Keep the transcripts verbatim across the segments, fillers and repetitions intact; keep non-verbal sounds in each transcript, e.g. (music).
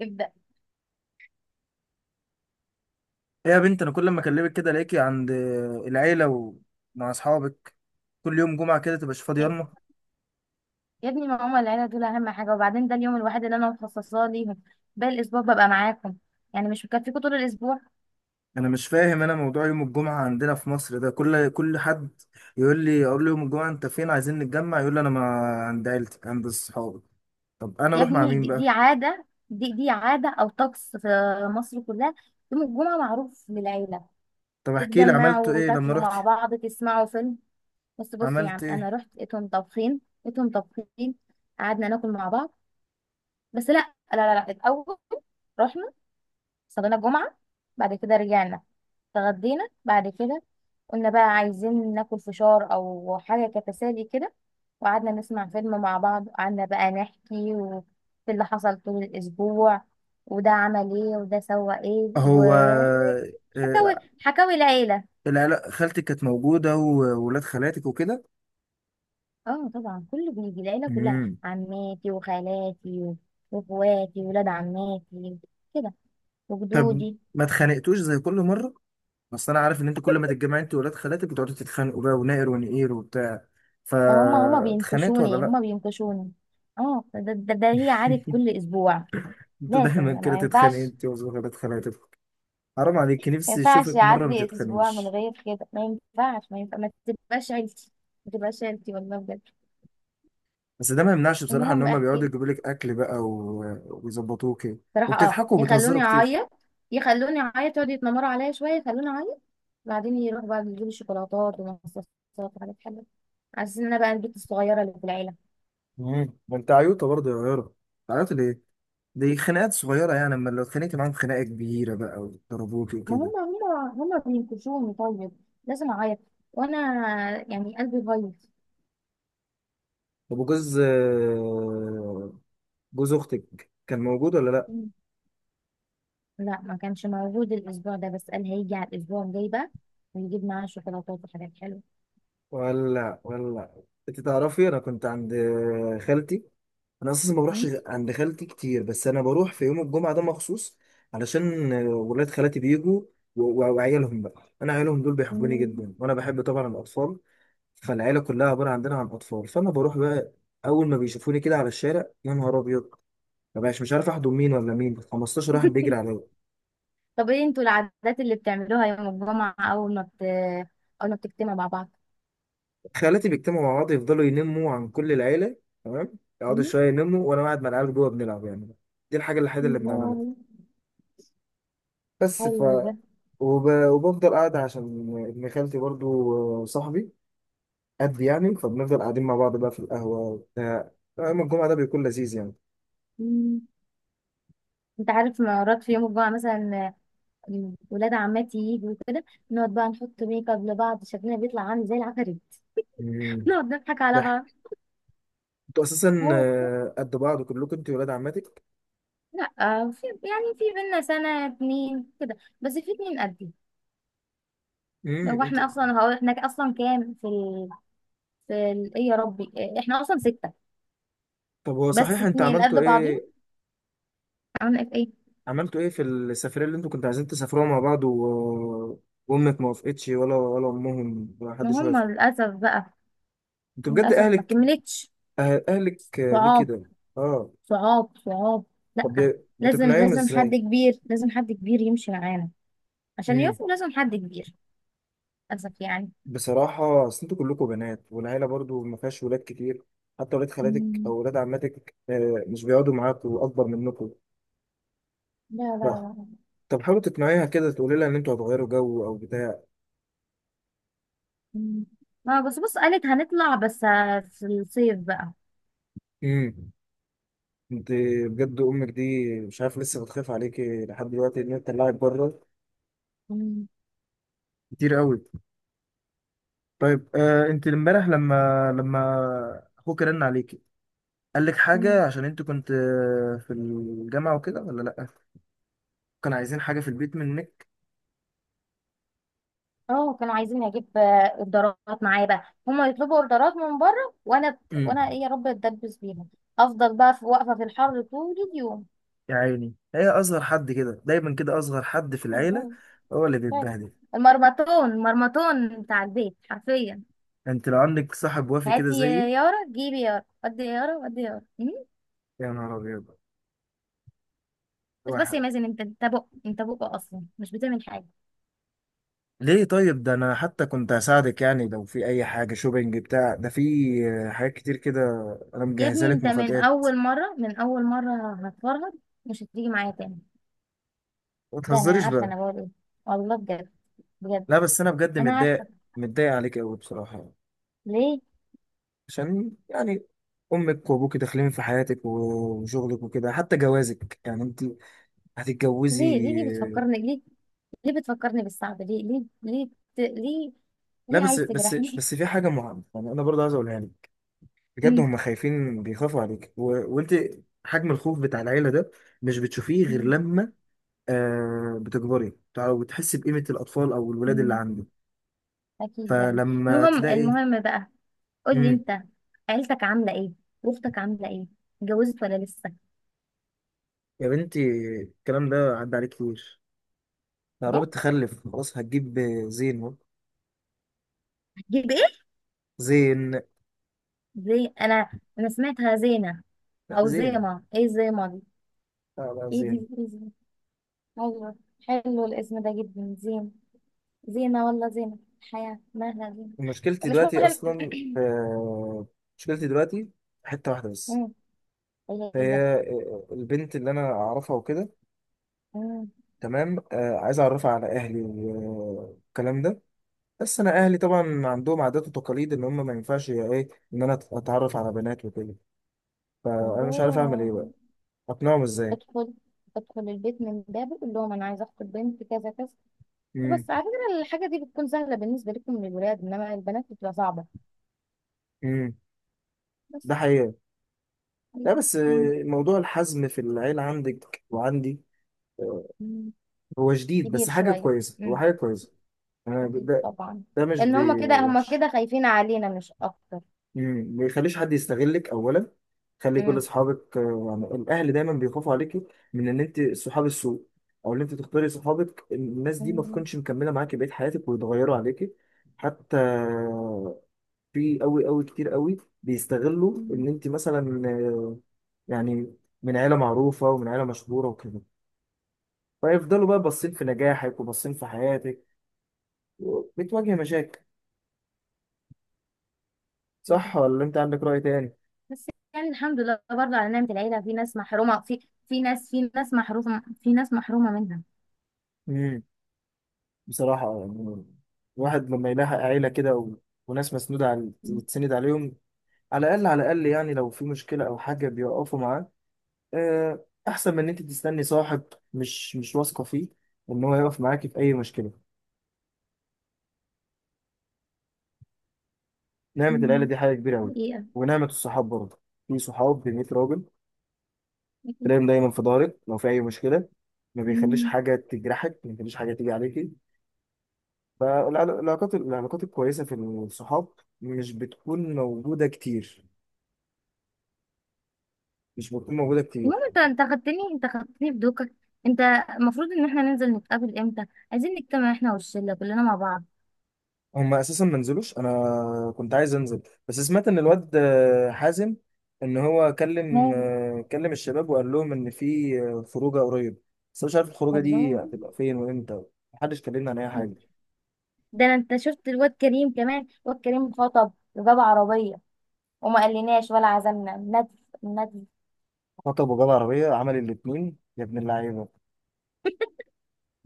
ابدأ. إيه يا بنت، انا كل ما اكلمك كده الاقيكي عند العيله ومع اصحابك، كل يوم جمعه كده تبقاش فاضيه، يا يلا. يا ابني، ما هما العيلة دول أهم حاجة، وبعدين ده اليوم الوحيد اللي أنا مخصصاه ليهم. باقي الأسبوع ببقى معاكم، يعني مش مكفيكوا طول الأسبوع؟ انا مش فاهم انا، موضوع يوم الجمعه عندنا في مصر ده، كل كل حد يقول لي، اقول له يوم الجمعه انت فين، عايزين نتجمع، يقول لي انا ما عند عيلتي عند اصحابي. طب انا يا اروح مع ابني مين دي, دي بقى؟ عادة، دي دي عادة أو طقس في مصر كلها. يوم الجمعة معروف للعيلة، طب احكي لي عملت تتجمعوا ايه لما وتاكلوا رحت؟ مع بعض، تسمعوا فيلم. بس بص يا عملت عم، أنا ايه؟ رحت لقيتهم طابخين لقيتهم طابخين قعدنا ناكل مع بعض. بس لا لا لا, لا. الأول رحنا صلينا الجمعة، بعد كده رجعنا، اتغدينا، بعد كده قلنا بقى عايزين ناكل فشار او حاجه كتسالي كده، وقعدنا نسمع فيلم مع بعض، وقعدنا بقى نحكي و- في اللي حصل طول الاسبوع، وده عمل ايه وده سوى ايه هو وحكاوي، آه، حكاوي العيله. العيله، خالتك كانت موجوده وولاد خالاتك وكده؟ اه طبعا كله بيجي، العيله كلها، امم. عماتي وخالاتي و- واخواتي ولاد عماتي كده، طب وجدودي. ما اتخانقتوش زي كل مره؟ بس انا عارف ان انتوا كل ما تتجمعوا، انتوا ولاد خالاتك بتقعدوا تتخانقوا بقى ونائر ونقير وبتاع، فهم هما فاتخانقت ولا بينكشوني لا؟ هما بينكشوني اه، ده, ده, ده هي عادة كل اسبوع. (laughs) انت لازم، دايما انا كده ما تتخانق ينفعش، انت وولاد خالاتك. حرام عليك، ما نفسي ينفعش اشوفك مره ما يعدي اسبوع من تتخانقوش. غير كده، ما ينفعش، ما ينفع ما تبقاش عيلتي، ما تبقاش عيلتي والله بجد. بس ده ما يمنعش بصراحه ان المهم هم احكي بيقعدوا لي. يجيبوا لك اكل بقى و- ويظبطوك إيه. صراحه اه، وبتضحكوا وبتهزروا يخلوني كتير. اعيط، يخلوني اعيط، يقعدوا يتنمروا عليا شويه، يخلوني اعيط. بعدين يروحوا بقى يجيبوا شوكولاتات ومصاصات وحاجات حلوه، على أساس ان انا بقى البنت الصغيره اللي في العيله. امم ما انت عيوطه برضه يا غيره، عيوطه ليه؟ دي خناقات صغيره يعني، اما لو اتخانقت معاهم خناقه كبيره بقى وضربوك ما وكده. هم هم هم بينكشوني، طيب لازم اعيط، وانا يعني قلبي بايظ. طب وجوز آه، جوز اختك كان موجود ولا لا؟ مم. لا، ما كانش موجود الاسبوع ده، بس قال هيجي على الاسبوع الجاي بقى، ويجيب معاه شوكولاتات وحاجات حلوه. ولا ولا انت تعرفي، انا كنت عند خالتي. انا اساسا ما بروحش غ- عند خالتي كتير، بس انا بروح في يوم الجمعه ده مخصوص علشان ولاد خالتي بيجوا و- و- وعيالهم بقى. انا عيالهم دول بيحبوني مم. جدا، وانا بحب طبعا الاطفال، فالعيله كلها عباره عندنا عن اطفال، فانا بروح بقى. اول ما بيشوفوني كده على الشارع يا نهار ابيض، ما بقاش مش عارف احضن مين ولا مين، خمستاشر واحد (laughs) بيجري عليا. طب ايه انتوا العادات اللي بتعملوها يوم الجمعة، اول ما بت... اول ما بتجتمعوا مع بعض؟ خالاتي بيجتمعوا مع بعض يفضلوا ينموا عن كل العيلة، تمام، يقعدوا مم. شوية ينموا، وأنا قاعد مع العيال جوه بنلعب يعني. دي الحاجة الوحيدة اللي بنعملها. والله بس، ف حلو ده. وب... وبفضل قاعد عشان ابن خالتي برضو صاحبي، قد يعني، فبنفضل قاعدين مع بعض بقى في القهوة وبتاع، يوم الجمعة ده بيكون لذيذ يعني. مم. انت عارف، مرات في يوم الجمعة مثلا آه، ولاد عماتي يجوا كده، نقعد بقى نحط ميك اب لبعض، شكلنا بيطلع عامل زي العفاريت. مم. (laughs) نقعد نضحك على بعض. ضحك. انتوا أساسا هو كده. آه، قد بعض كلكم انتوا ولاد عماتك؟ لا آه، في يعني في بينا سنة اتنين كده، بس في اتنين قدي. امم هو انت، احنا اصلا هو احنا اصلا كام في ال... في ال... ايه يا ربي، آه، احنا اصلا ستة، طب هو بس صحيح انت اتنين قد عملتوا بعض. ايه؟ عملت ايه؟ عملتوا ايه في السفرية اللي انتوا كنتوا عايزين تسافروها مع بعض و... وامك ما وافقتش، ولا ولا امهم، ولا ما حدش هم وافق؟ للاسف بقى، انتوا بجد للاسف ما اهلك، كملتش. أه- اهلك آه، ليه صعاب، كده؟ اه. صعاب، صعاب. طب لا، بي- لازم، بتقنعيهم لازم حد ازاي؟ كبير لازم حد كبير يمشي معانا عشان امم. يوفوا، لازم حد كبير، للاسف يعني. بصراحة، اصل انتوا كلكم بنات، والعيلة برضو ما فيهاش ولاد كتير، حتى ولاد خالاتك مم. او ولاد عماتك آه، مش بيقعدوا معاكوا اكبر منكم. لا ف... لا لا. طب حاولوا تقنعيها كده، تقولي لها ان انتوا هتغيروا جو او بتاع. مم. اه، بس بص، قالت هنطلع بس آه، في الصيف بقى. امم انت، بجد امك دي، مش عارف لسه بتخاف عليكي لحد دلوقتي ان هي تطلعك بره مم. كتير قوي. طيب، آه انت امبارح، لما لما اخوك رن عليكي قال لك مم. حاجه، عشان انت كنت آه، في الجامعه وكده ولا لا؟ كان عايزين حاجه في البيت منك؟ اه، كانوا عايزين اجيب آه، اوردرات معايا بقى، هما يطلبوا اوردرات من بره، وانا وانا امم. ايه يا رب اتدبس بيهم، افضل بقى في واقفه في الحر طول اليوم. يا عيني، هي اصغر حد كده، دايما كده اصغر حد في العيله الله، هو اللي فعلا، بيتبهدل. المرمطون، المرمطون بتاع البيت حرفيا. انت لو عندك صاحب وافي كده هاتي يا زيي. يارا، جيبي يارا، ودي يا يارا، ودي يا يارا. مم. يا نهار ابيض، بس بس يا واحد. مازن، انت انت بق انت بق اصلا مش بتعمل حاجه. ليه؟ طيب ده انا حتى كنت هساعدك يعني، لو في اي حاجه شوبينج بتاع ده، في آه، حاجات كتير كده. انا يا مجهزها ابني لك انت من مفاجآت. اول مره من اول مره هتفرهد، مش هتيجي معايا تاني. ما ده انا تهزريش عارفه بقى. انا بقول ايه، والله بجد، بجد. لا بس انا بجد انا عارفه. متضايق متضايق عليك قوي بصراحه. ليه؟ عشان يعني، امك وابوك داخلين في حياتك و- وشغلك وكده، حتى جوازك يعني انت هتتجوزي. ليه ليه ليه بتفكرني ليه، ليه بتفكرني بالصعب، ليه ليه ليه ت- ليه، لا، ليه بس عايز بس تجرحني؟ بس في حاجه مهمه يعني، انا برضه عايز اقولها لك. (laughs) بجد مم. هم خايفين بيخافوا عليك و... وانت، حجم الخوف بتاع العيله ده مش بتشوفيه غير مم. لما آه بتكبري، وتحسي بقيمه الاطفال او الولاد اللي مم. عندك. اكيد يعني. فلما المهم، تلاقي. المهم بقى، قولي مم. انت، عيلتك عامله ايه، واختك عامله ايه، اتجوزت ولا لسه؟ يا بنتي، الكلام ده عدى عليك كتير، لا بجد؟ قربت تخلف خلاص، هتجيب زين اهو. هتجيب ايه؟ زين. زي انا، انا سمعتها زينه، لا، او زين. زيما، ايه زيما دي؟ لا، لا، ايه زين. دي، ايه دي؟ ايوه. حلو الاسم ده جدا، زين. زينه ولا زينه؟ حياه مالها زينه. مشكلتي مش دلوقتي مهم. اصلا آه، مشكلتي دلوقتي حته واحده (clears throat) بس. مم. هي هي هي. آه، البنت اللي انا اعرفها وكده. مم. تمام، آه، عايز اعرفها على اهلي والكلام ده. بس انا اهلي طبعا عندهم عادات وتقاليد، ان هم ما ينفعش يا ايه ان انا اتعرف على بنات وكده. فانا مش عارف اعمل الله. ايه بقى، اقنعهم ازاي؟ ادخل، ادخل البيت من بابه، قول لهم انا عايزه اخطب بنت كذا كذا. امم، بس على فكره الحاجه دي بتكون سهله بالنسبه لكم للولاد، انما البنات بتبقى صعبه، امم، بس. ده حقيقة. لا بس آه، موضوع الحزم في العيلة عندك وعندي مم. هو جديد، كبير بس حاجة شوية. كويسة، هو مم. حاجة كويسة. أنا ب- أكيد ده طبعا. ده مش لأن هما بي- كده، هما وحش. كده خايفين علينا مش أكتر. مم. ما يخليش حد يستغلك أولا، خلي كل مم. أصحابك آه، يعني الأهل دايما بيخافوا عليكي من إن أنت صحاب السوء. أو إن أنت تختاري صحابك الناس دي ما مم. تكونش مكملة معاكي بقية حياتك ويتغيروا عليكي. حتى في أوي أوي كتير أوي، بيستغلوا مم. إن أنت مثلا آه، يعني من عيلة معروفة ومن عيلة مشهورة وكده. فيفضلوا بقى باصين في نجاحك وباصين في حياتك، بتواجه مشاكل. صح ولا انت عندك رأي تاني؟ بس يعني الحمد لله برضه على نعمة العيلة، في ناس محرومة، في في ناس في ناس محرومة، في ناس محرومة منها. امم. بصراحة يعني، الواحد لما يلاحق عيلة كده و... وناس مسنودة على مم. تسند عليهم، على الأقل على الأقل يعني، لو في مشكلة أو حاجة بيقفوا معاه. آه، أحسن من إن أنت تستني صاحب مش مش واثقة فيه إن هو يقف معاكي في أي مشكلة. نعمة العيلة مم. دي حاجة كبيرة أوي. حقيقة. ونعمة الصحاب برضه، في صحاب ب ميت راجل، أكيد. تلاقيهم دايما في ظهرك، لو في أي مشكلة ما بيخليش مم. حاجة تجرحك، ما بيخليش حاجة تيجي عليكي. فالعل- العلاقات العلاقات الكويسة في الصحاب مش بتكون موجودة كتير، مش بتكون موجودة كتير. المهم انت، انت خدتني انت خدتني بدوكك. انت، المفروض ان احنا ننزل نتقابل امتى؟ عايزين نجتمع احنا والشلة كلنا مع بعض. هما أساسا ما نزلوش، أنا كنت عايز أنزل. بس سمعت إن الواد آه، حازم، إن هو كلم مال. آه، كلم الشباب، وقال لهم إن في آه، خروجة قريب. بس أنا مش عارف الخروجة دي والله. هتبقى فين وإمتى. محدش كلمنا عن أي حاجة. ده انا، انت شفت الواد كريم؟ كمان الواد كريم خطب وجاب عربية، وما قالناش ولا عزمنا ندف، ندف. خطب وجاب عربية، عمل الاتنين يا ابن اللعيبة!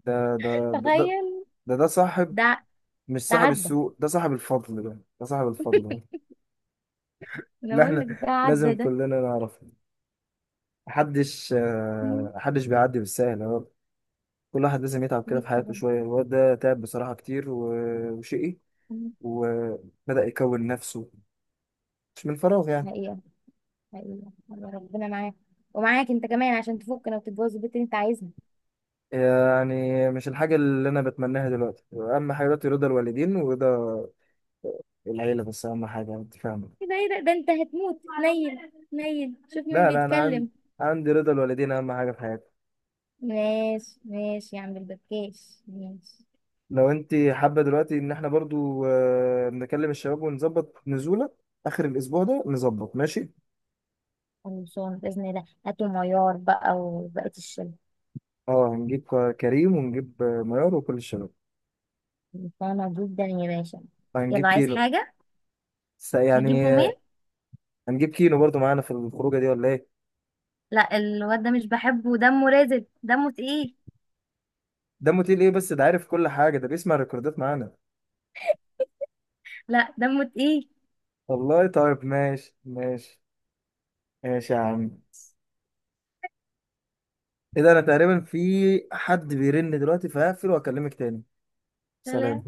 ده ده ده تخيل. ده ده صاحب. ده مش ده صاحب عدى، السوق، ده صاحب الفضل، ده ده صاحب الفضل. انا اللي بقول احنا لك ده لازم عدى ده. كلنا نعرف. محدش (laughs) مم. آه، محدش بيعدي بالسهل، هو. كل واحد لازم يتعب كده جيت في حياته طبعا. شوية، الواد ده تعب بصراحة كتير و- وشقي. مم. وبدأ يكون نفسه، مش من فراغ يعني. حقيقة، حقيقة. يا ربنا معاك، ومعاك انت كمان، عشان تفكنا وتتجوز البنت اللي انت عايزها. يعني مش الحاجة اللي أنا بتمناها دلوقتي، أهم حاجة دلوقتي رضا الوالدين ورضا العيلة بس، أهم حاجة، أنت فاهمة؟ ايه ده، ايه ده، ده انت هتموت، نيل نيل، شوف مين لا، لا، أنا عندي بيتكلم. عندي رضا الوالدين أهم حاجة في حياتي. ماشي ماشي يا عم البكاش، ماشي. لو أنت حابة دلوقتي إن احنا برضو آه، نكلم الشباب ونظبط نزولة آخر الأسبوع ده، نظبط ماشي. خلصان بإذن الله، هاتوا معيار بقى وبقية الشلة. اه، هنجيب ك- كريم ونجيب آه، ميار وكل الشباب. فاهمة جدا يا باشا. هنجيب يلا، عايز كيلو حاجة؟ س- يعني هجيبه آه، مين؟ هنجيب كيلو برضو معانا في الخروجه دي ولا ايه؟ لا، الواد ده مش بحبه، دمه رازب، دمه تقيل. ده موتيل ايه؟ بس ده عارف كل حاجه، ده بيسمع الريكوردات معانا. لا، دمه تقيل. والله طيب، ماشي، ماشي، ماشي يا عم. ايه ده؟ انا تقريبا في حد بيرن دلوقتي، فهقفل واكلمك تاني. سلام. سلام.